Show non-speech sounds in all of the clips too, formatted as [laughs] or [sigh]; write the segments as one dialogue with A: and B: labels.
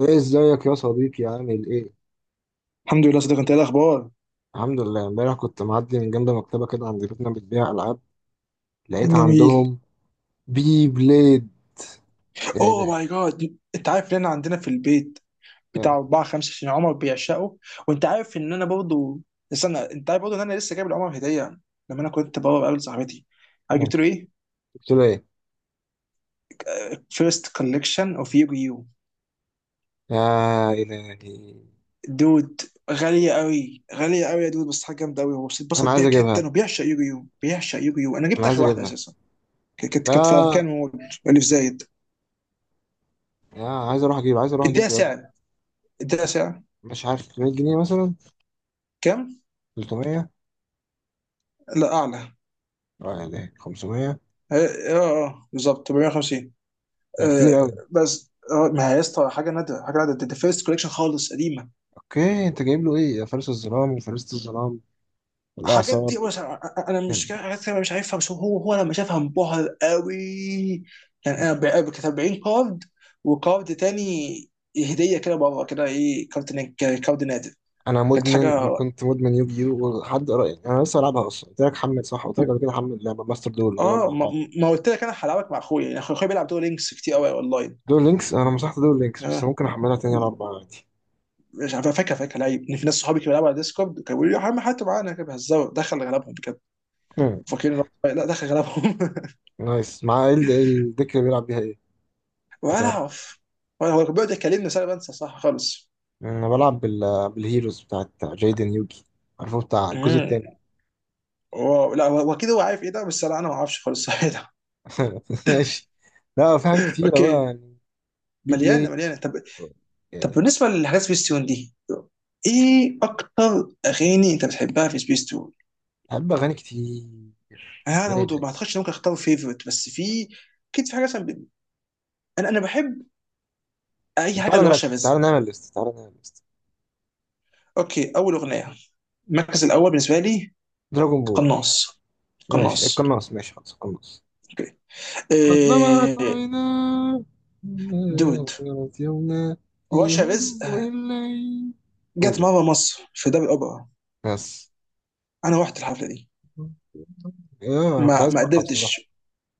A: ايه، ازيك يا صديقي؟ عامل ايه؟
B: الحمد لله صديق. انت ايه الاخبار؟
A: الحمد لله. امبارح كنت معدي من جنب مكتبه كده عند بيتنا بتبيع العاب، لقيت
B: جميل.
A: عندهم بي بليد. يا
B: اوه
A: الهي.
B: ماي جاد، انت عارف ان انا عندنا في البيت بتاع
A: يا-
B: اربعه خمسه عشان عمر بيعشقه، وانت عارف ان انا برضو، استنى، انت عارف برضو ان انا لسه جايب لعمر هديه لما انا كنت بره بقابل صاحبتي؟ عارف
A: يا-
B: جبت له ايه؟
A: قلت له ايه؟
B: فيرست كولكشن اوف يوجي يو،
A: يا الهي،
B: دود. غاليه قوي، غاليه قوي يا دود، بس حاجه جامده قوي، هو
A: انا
B: اتبسط
A: عايز
B: بيها
A: اجيبها،
B: جدا، وبيعشق يوجي يو، بيعشق يوجي يو. انا
A: انا
B: جبت
A: عايز
B: اخر واحده
A: اجيبها.
B: اساسا. كانت في
A: لا.
B: اركان مول، اللي في زايد.
A: يا، عايز اروح اجيب، عايز اروح اجيب
B: اديها
A: بجد.
B: سعر، اديها سعر.
A: مش عارف، 300 جنيه مثلا.
B: كام؟
A: 300.
B: لا، اعلى.
A: اه يا الهي، 500؟
B: بالظبط 450.
A: ده كتير
B: آه
A: قوي.
B: بس ما هي يا اسطى حاجه نادره، حاجه نادره. ده فيرست كوليكشن خالص، قديمه.
A: اوكي، انت جايب له ايه، يا فارس الظلام وفارسة الظلام
B: الحاجات
A: والاعصار؟
B: دي، بس انا أنا مش كا- حاجات كده مش عارفها، بس هو لما شافها انبهر قوي. يعني كانت 40 كارد، وكارد تاني هديه كده، بره كده ايه، كارد نادر. كانت حاجه.
A: انا كنت مدمن يوجيو، ولحد قريب انا لسه بلعبها اصلا. قلت لك حمل، صح؟ قلت لك قبل كده حمل لعبه ماستر دول، نلعب
B: اه،
A: مع
B: ما,
A: بعض.
B: ما قلت لك انا هلعبك مع اخويا؟ يعني اخويا بيلعب دور لينكس كتير قوي اونلاين.
A: دول لينكس، انا مسحت دول لينكس، بس
B: آه.
A: ممكن احملها تاني، العب معاها عادي.
B: مش عارف، فاكر، فاكر، لا، ان في ناس صحابي كانوا بيلعبوا على ديسكورد، كانوا بيقولوا لي يا عم حتى معانا كده بيهزروا، دخل غلبهم بجد،
A: مم.
B: فاكرين إن لا، دخل غلبهم. [laughs]
A: نايس. مع الديك اللي بيلعب بيها ايه؟ لو
B: ولا
A: تعرف.
B: اعرف، ولا هو كان بيقعد يكلمني بس انا بنسى، صح خالص.
A: انا بلعب بالهيروز بتاعت جايدن يوجي، عارفه بتاع الجزء
B: امم،
A: التاني.
B: واو، لا، هو، هو كده، هو عارف ايه ده، بس لا، انا ما اعرفش خالص. [laughs] صح ده.
A: [laughs] ماشي. لا في حاجات كتيره بقى
B: اوكي،
A: يعني. بلاي.
B: مليانه مليانه. طب،
A: يا
B: طب
A: إلهي.
B: بالنسبه لحاجات سبيس تون دي، ايه اكتر اغاني انت بتحبها في سبيس تون؟
A: بحب اغاني كتير.
B: انا
A: يا
B: برضه
A: إلهي.
B: ما اعتقدش إن ممكن اختار فيفورت، بس في، اكيد في حاجه مثلا انا بحب
A: طب
B: اي حاجه
A: تعالى نرتب،
B: لرشا رزق.
A: تعالى نعمل ليست، تعالى نعمل ليست.
B: اوكي، اول اغنيه، المركز الاول بالنسبه لي،
A: دراجون بول.
B: قناص.
A: ماشي
B: قناص.
A: القناص، ماشي خلاص القناص.
B: اوكي،
A: قد لمعت
B: إيه،
A: عيناه،
B: دود.
A: غيرت يومنا، في
B: رشا رزق
A: هدوء الليل.
B: جت
A: قولوا
B: مره مصر في دار الاوبرا.
A: بس.
B: انا رحت الحفله دي،
A: [laughs] ايه، انا كنت
B: ما
A: عايز
B: ما
A: اروحها بصراحة.
B: قدرتش.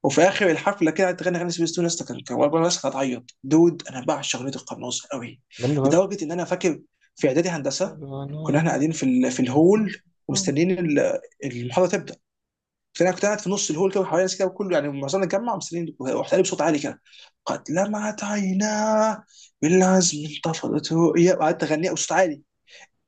B: وفي اخر الحفله كده قعدت تغني اغاني سبيس تون، لسه كان والله، الناس كانت هتعيط، دود، انا بعشق اغنيه القناص قوي،
A: جامدة فشخ.
B: لدرجه ان انا فاكر، في اعدادي
A: [laughs] قد
B: هندسه
A: لمعت
B: كنا احنا
A: عيناه.
B: قاعدين في في الهول ومستنيين المحاضره تبدا، فانا كنت قاعد في نص الهول كده وحواليا ناس كده، وكله يعني معظمنا اتجمع ومستنيين، ورحت قايل بصوت عالي كده: قد لمعت عيناه بالعزم انتفضت رؤيا. وقعدت اغنيها بصوت عالي،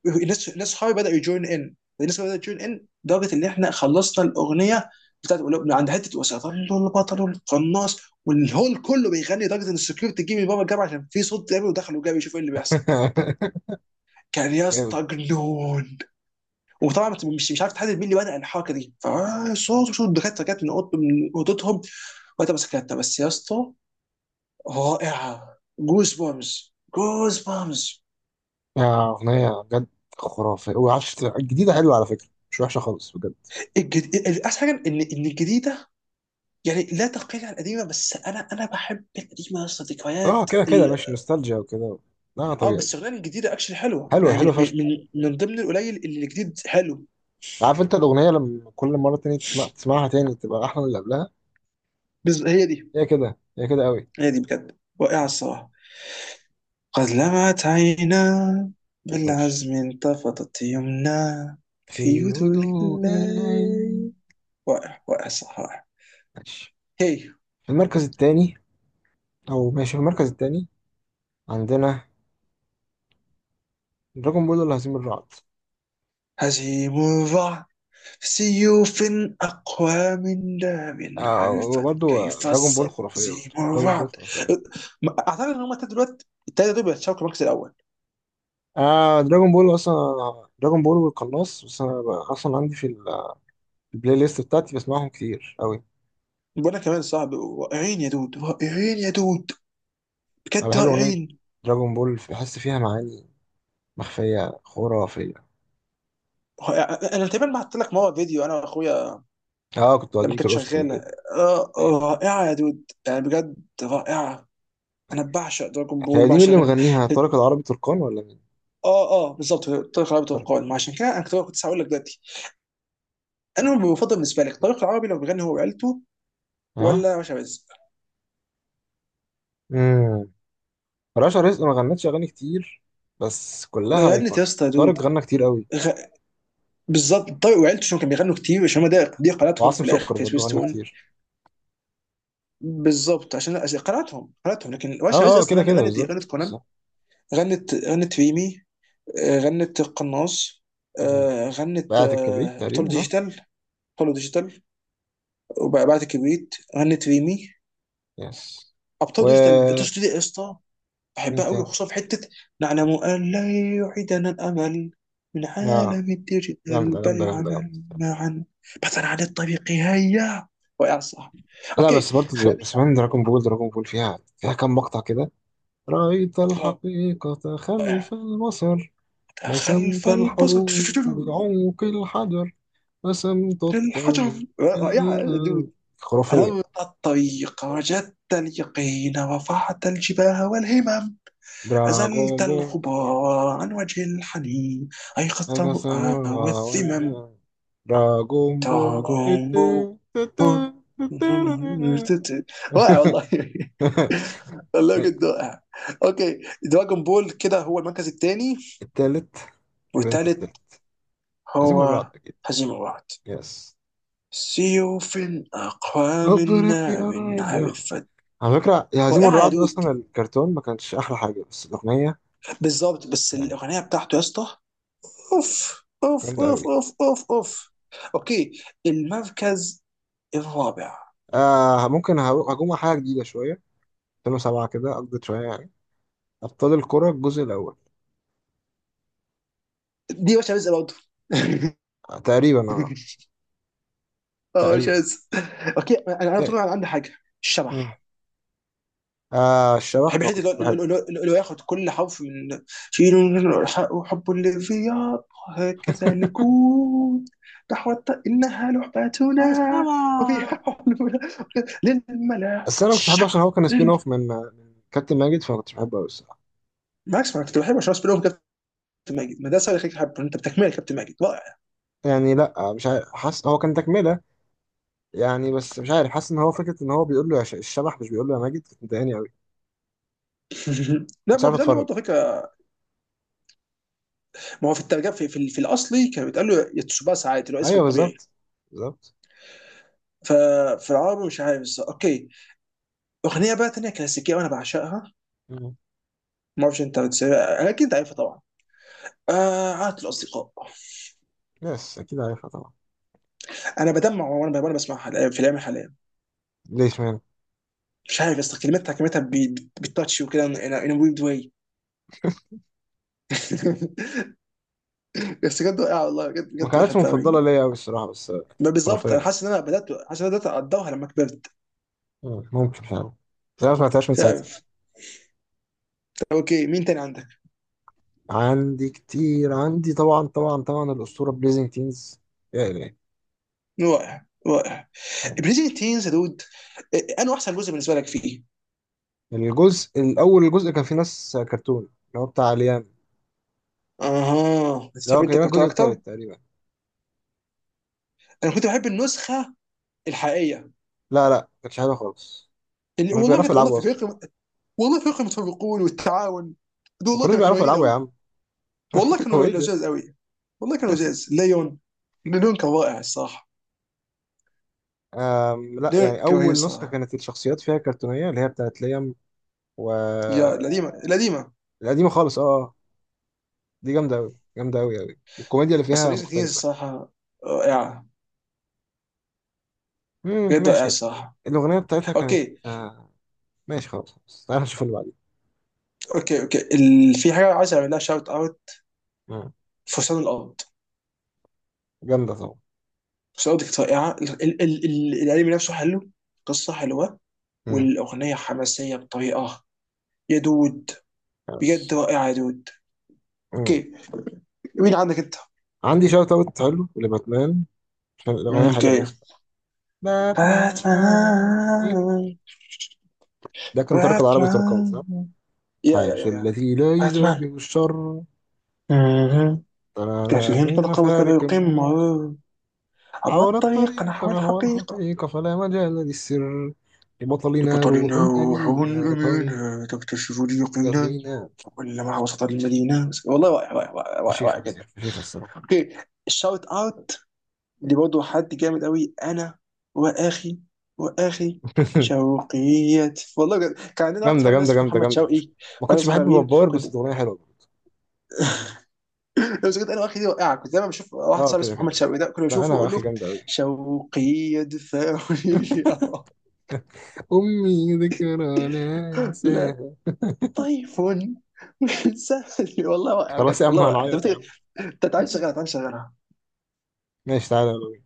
B: الناس صحابي بداوا يجوين، ان الناس بدات تجوين، ان لدرجه ان احنا خلصنا الاغنيه بتاعت، عند حته وسيظل البطل القناص، والهول كله بيغني، لدرجه ان السكيورتي جه من بابا الجامعه عشان في صوت جامد، ودخلوا جابوا يشوفوا ايه اللي بيحصل.
A: [laughs]
B: كان يا
A: جامد.
B: اسطى جنون. وطبعا مش عارف تحدد مين اللي بدأ الحركه دي، فصوت الدكاتره جت من اوضه، من اوضتهم، وقتها مسكتها بس يا اسطى. رائعه، جوز بامز، جوز بامز.
A: يا أغنية بجد خرافية. وعشت الجديدة حلوة على فكرة، مش وحشة خالص بجد.
B: احسن حاجه ان الجديده يعني لا تقل عن القديمه، بس انا بحب القديمه يا اسطى،
A: اه،
B: ذكريات
A: كده كده ماشي، نوستالجيا وكده. لا
B: اه
A: طبيعي.
B: بس الأغنية الجديده اكشلي حلوه،
A: حلوة،
B: يعني
A: حلوة
B: من
A: فشخ.
B: من من من ضمن القليل اللي الجديد حلو.
A: عارف انت الأغنية، لما كل مرة تاني تسمع، تسمعها تاني تبقى أحلى من اللي قبلها.
B: بس هي دي،
A: هي كده، هي كده قوي.
B: هي دي بجد رائعه الصراحه. قد لمعت عينا
A: ماشي.
B: بالعزم انتفضت يمنا، في
A: في
B: يدرك
A: هدوء الليل.
B: الليل. واقع، واقع، صح، واقع.
A: ماشي.
B: هي،
A: في المركز الثاني، او ماشي في المركز الثاني عندنا دراجون بول ولا هزيم الرعد؟
B: هزيم الرعد، سيوف أقوى من داب،
A: آه،
B: عرفت
A: وبرضه
B: كيف
A: دراجون بول
B: الصد
A: خرافية،
B: هزيم
A: برضه دراجون بول
B: الرعد.
A: خرافية.
B: أعتقد إن هما التلاتة دلوقتي، التلاتة دول بيتشاركوا المركز الأول.
A: آه دراجون بول اصلا، دراجون بول والقناص. بس انا اصلا عندي في في البلاي ليست بتاعتي، بسمعهم كتير قوي.
B: وأنا كمان، صعب. رائعين يا دود، رائعين يا دود،
A: انا
B: بجد
A: بحب اغنية
B: رائعين.
A: دراجون بول، بحس فيها معاني مخفية خرافية.
B: أنا تقريبا بعت لك مرة فيديو، أنا وأخويا
A: اه، كنت
B: لما
A: قديمة
B: كانت
A: الأسر في
B: شغاله.
A: البيت.
B: آه، آه، رائعه يا دود، يعني بجد رائعه. انا بعشق دراجون بول،
A: هي دي مين
B: بعشق
A: اللي
B: غل...
A: مغنيها، طارق العربي تركان ولا مين؟
B: اه، اه، بالظبط، طريق العربي، طريق
A: طارق.
B: القوانين، ما عشان كده انا كنت هقول لك دلوقتي، انا المفضل بالنسبه لك طريق العربي لو بيغني هو وعيلته،
A: ها.
B: ولا باشا رزق؟
A: امم رشا رزق ما غنتش اغاني كتير، بس
B: ده
A: كلها
B: غنت يا
A: ايكونيك.
B: اسطى، يا دود،
A: طارق غنى كتير قوي.
B: غ... بالظبط، طارق وعيلته عشان كانوا بيغنوا كتير، عشان هم ده دي قناتهم
A: وعاصم
B: في الاخر
A: سكر
B: في
A: برضه غنى
B: سويستون.
A: كتير.
B: بالظبط، عشان، عشان قناتهم، قناتهم. لكن باشا رزق
A: اه، اه،
B: اصلا
A: كده كده،
B: غنت، غنت
A: بالظبط
B: كونان،
A: بالظبط.
B: غنت ريمي، آه، غنت القناص،
A: مم.
B: آه، غنت،
A: بقعة الكبريت
B: آه، ابطال
A: تقريبا، صح؟
B: ديجيتال. ابطال ديجيتال وبعد كبريت غنت ريمي.
A: يس.
B: ابطال
A: و،
B: ديجيتال، الأبطال دي يا اسطى بحبها
A: مين
B: قوي،
A: تاني؟
B: وخصوصا في حته: نعلم ان لا يعيدنا الامل من
A: اه،
B: عالم الديجيتال
A: جامدة
B: بل
A: جامدة جامدة جامدة.
B: العمل معا، بحثا عن الطريق هيا. واقع، صح.
A: لا
B: اوكي،
A: بس برضه
B: خلينا
A: سمان دراجون بول. دراجون بول فيها كام مقطع كده. رأيت
B: نبدا.
A: الحقيقة
B: رائع.
A: خلف المصر،
B: خلف
A: رسمت
B: البصر،
A: الحروب بعمق الحجر، رسمت
B: للحجر.
A: الطريق.
B: رائعه.
A: خرافية.
B: أنورت الطريق وجدت اليقين، رفعت الجباه والهمم،
A: دراغون
B: أزلت
A: بول.
B: الغبار عن وجه الحنين، أيقظت
A: أنا سامع.
B: الرؤى والذمم.
A: وأنا- دراغون بول.
B: تراكم، واقع،
A: [laughs]
B: والله. [applause] والله جد واقع. اوكي، دراجون بول كده هو المركز الثاني،
A: التالت، ولا أنت
B: والثالث
A: التالت؟ هزيم
B: هو
A: الرعد أكيد.
B: هزيمة، واحد.
A: يس.
B: سيوف أقوى من
A: أبرك
B: نار،
A: أراعد يا أخو.
B: عرفت.
A: على فكرة، يا هزيم
B: رائعة يا
A: الرعد
B: دود،
A: أصلا الكرتون ما كانش أحلى حاجة، بس الأغنية
B: بالظبط، بس
A: يعني
B: الاغنيه بتاعته يا اسطى، اوف اوف
A: جامدة
B: اوف
A: أوي.
B: اوف اوف اوف. اوكي، المركز الرابع،
A: آه، ممكن هجوم على حاجة جديدة شوية، 2007 كده أقضي شوية يعني. أبطال الكرة الجزء الأول.
B: دي مش عايز برضه.
A: آه، تقريبا، اه.
B: [laughs] اه مش
A: تقريبا.
B: عايز. اوكي انا، انا
A: إيه.
B: طبعا عندي حاجه،
A: مم.
B: الشبح.
A: آه الشبح
B: بحب
A: ما
B: الحته
A: كنتش بحبه.
B: اللي هو ياخد كل حرف من: شيلوا الحق وحب اللي في ياض، هكذا نكون، نحو، انها لعبتنا
A: آه، السما.
B: وفيها حلول، للملاح
A: بس أنا مش بحبه، عشان
B: الشبح
A: هو كان سبين أوف من كابتن ماجد، فما كنتش بحبه أوي الصراحة.
B: بالعكس، ما كنت بحب عشان بينهم كابتن ماجد، ما ده سؤال يخليك تحبه، انت بتكمله، كابتن ماجد رائع.
A: يعني لأ، مش عارف، حاسس هو كان تكملة يعني، بس مش عارف، حاسس إن هو فكرة إن هو بيقول له الشبح، مش بيقول له يا ماجد، كنت مضايقاني أوي.
B: [laughs] [applause] لا،
A: كنتش
B: ما هو
A: عارف
B: بيتقال له
A: أتفرج.
B: برضه، فكره. ما هو في الترجمه، في الاصلي كان بيتقال له يتسوباسا عادي، اللي هو اسمه
A: أيوه،
B: الطبيعي.
A: بالظبط، بالظبط.
B: ففي العربي مش عارف، بس اوكي. اغنيه بقى ثانيه كلاسيكيه وانا بعشقها،
A: مم.
B: ما اعرفش انت بتسمعها، اكيد انت عارفها طبعا، آه، عادة الاصدقاء.
A: يس، أكيد عارفها طبعا.
B: انا بدمع وانا بسمعها في الايام الحاليه،
A: ليش مان؟
B: مش عارف يا اسطى، كلمتها، كلمتها بالتاتش وكده، ان ويرد واي. [laughs] بس بجد واقعه، والله بجد،
A: ما
B: بجد
A: كانتش
B: بحبها قوي.
A: مفضلة ليا أوي الصراحة، بس آه.
B: ما
A: خرافية
B: بالظبط، انا
A: يعني.
B: حاسس ان انا بدات اقدرها لما كبرت.
A: مم. ممكن، مش عارف، بس أنا ما سمعتهاش من
B: مش
A: ساعتها.
B: عارف. اوكي، مين تاني عندك؟
A: عندي كتير، عندي طبعا، طبعا، طبعا الأسطورة بليزنج تينز. يا إلهي.
B: رائع، رائع، بريزنت تينز يا دود. إيه، انا احسن جزء بالنسبه لك فيه؟
A: الجزء الأول، الجزء كان فيه ناس كرتون، اللي هو بتاع ليام،
B: اها،
A: اللي
B: بتحب
A: هو
B: انت
A: كان
B: الكرتون
A: الجزء
B: اكتر؟
A: التالت تقريبا.
B: انا كنت بحب النسخه الحقيقيه،
A: لا لا، كانش حلو خالص. ما
B: اللي
A: كانوش
B: والله
A: بيعرفوا
B: بجد، والله
A: يلعبوا
B: في
A: أصلا.
B: فريق، والله فريق المتفوقون والتعاون، دول
A: ما
B: والله
A: كانوش
B: كانوا
A: بيعرفوا
B: قويين
A: يلعبوا يا
B: قوي،
A: عم.
B: والله
A: [laughs] هو
B: كانوا
A: إيه ده؟
B: لزاز قوي، والله كانوا لزاز. ليون، ليون كان رائع الصراحه،
A: لا يعني،
B: ليون كان رهيب
A: أول نسخة
B: الصراحه.
A: كانت الشخصيات فيها كرتونية، اللي هي بتاعت ليام. و،
B: يا القديمه، القديمه.
A: القديمة خالص، أه، آه. دي جامدة أوي، جامدة أوي أوي، والكوميديا اللي
B: بس
A: فيها
B: بريزنت تينز
A: مختلفة.
B: الصراحه رائعه،
A: مم،
B: بجد رائعه
A: ماشي.
B: الصراحه.
A: الأغنية بتاعتها كانت
B: اوكي،
A: آه. ماشي خلاص، خلاص. تعالى نشوف اللي
B: اوكي، اوكي، في حاجه عايز اعمل لها شاوت اوت،
A: بعدين.
B: فرسان الارض.
A: جامدة طبعا.
B: فرسان الارض كانت رائعه، الانمي نفسه حلو، قصه حلوه،
A: مم.
B: والاغنيه حماسيه بطريقه يا دود، بجد
A: بس.
B: رائعه يا دود.
A: مم.
B: اوكي، مين عندك انت؟
A: عندي شوت اوت حلو لباتمان، عشان الأغنية حلوة أوي
B: اوكي،
A: الصراحة. باتمان.
B: باتمان.
A: ده كان ترك العربي تركان،
B: باتمان.
A: صح؟
B: يا يا
A: حارس
B: يا يا
A: التي لا
B: باتمان.
A: يجابه الشر،
B: مهم.
A: ترانا
B: كافيين
A: من
B: طلقة مثل
A: مفارق،
B: القمة، عبر
A: عبر
B: الطريق
A: الطريق
B: نحو
A: نحو
B: الحقيقة،
A: الحقيقة، فلا مجال للسر. لبطلنا روح
B: لبطلنا روح
A: أمينة،
B: أمينة تكتشف اليقين،
A: يطغينا.
B: كلما وصلت المدينة. والله رائع رائع رائع رائع رائع
A: فشيخة، فشيخة،
B: جدا.
A: فشيخة الصراحة.
B: اوكي، شاوت اوت لبرضه حد جامد قوي، انا واخي، واخي،
A: [laughs]
B: شوقيات، والله بجد كان عندنا واحد
A: جامدة،
B: صاحبنا
A: جامدة،
B: اسمه
A: جامدة،
B: محمد
A: جامدة فشيخة.
B: شوقي،
A: ما
B: وانا
A: كنتش بحب
B: صغيرين
A: بابار،
B: كنت،
A: بس الأغنية حلوة.
B: لو كنت انا واخي دي وقعه، كنت دايما بشوف واحد
A: اه،
B: صاحبي
A: كده
B: اسمه محمد
A: كده.
B: شوقي، ده كنت
A: لا انا
B: بشوفه اقول
A: واخي
B: له:
A: جامده قوي.
B: شوقي ادفعوني لي. [laughs] آه.
A: امي ذكرى لا
B: لا،
A: انساها.
B: طيف. [laughs] سهل والله، واقع
A: خلاص
B: بجد،
A: يا عم،
B: والله واقع. طب
A: هنعيط يا عم.
B: إنت تعالى شغلها، تعالى شغلها.
A: ماشي، تعالى.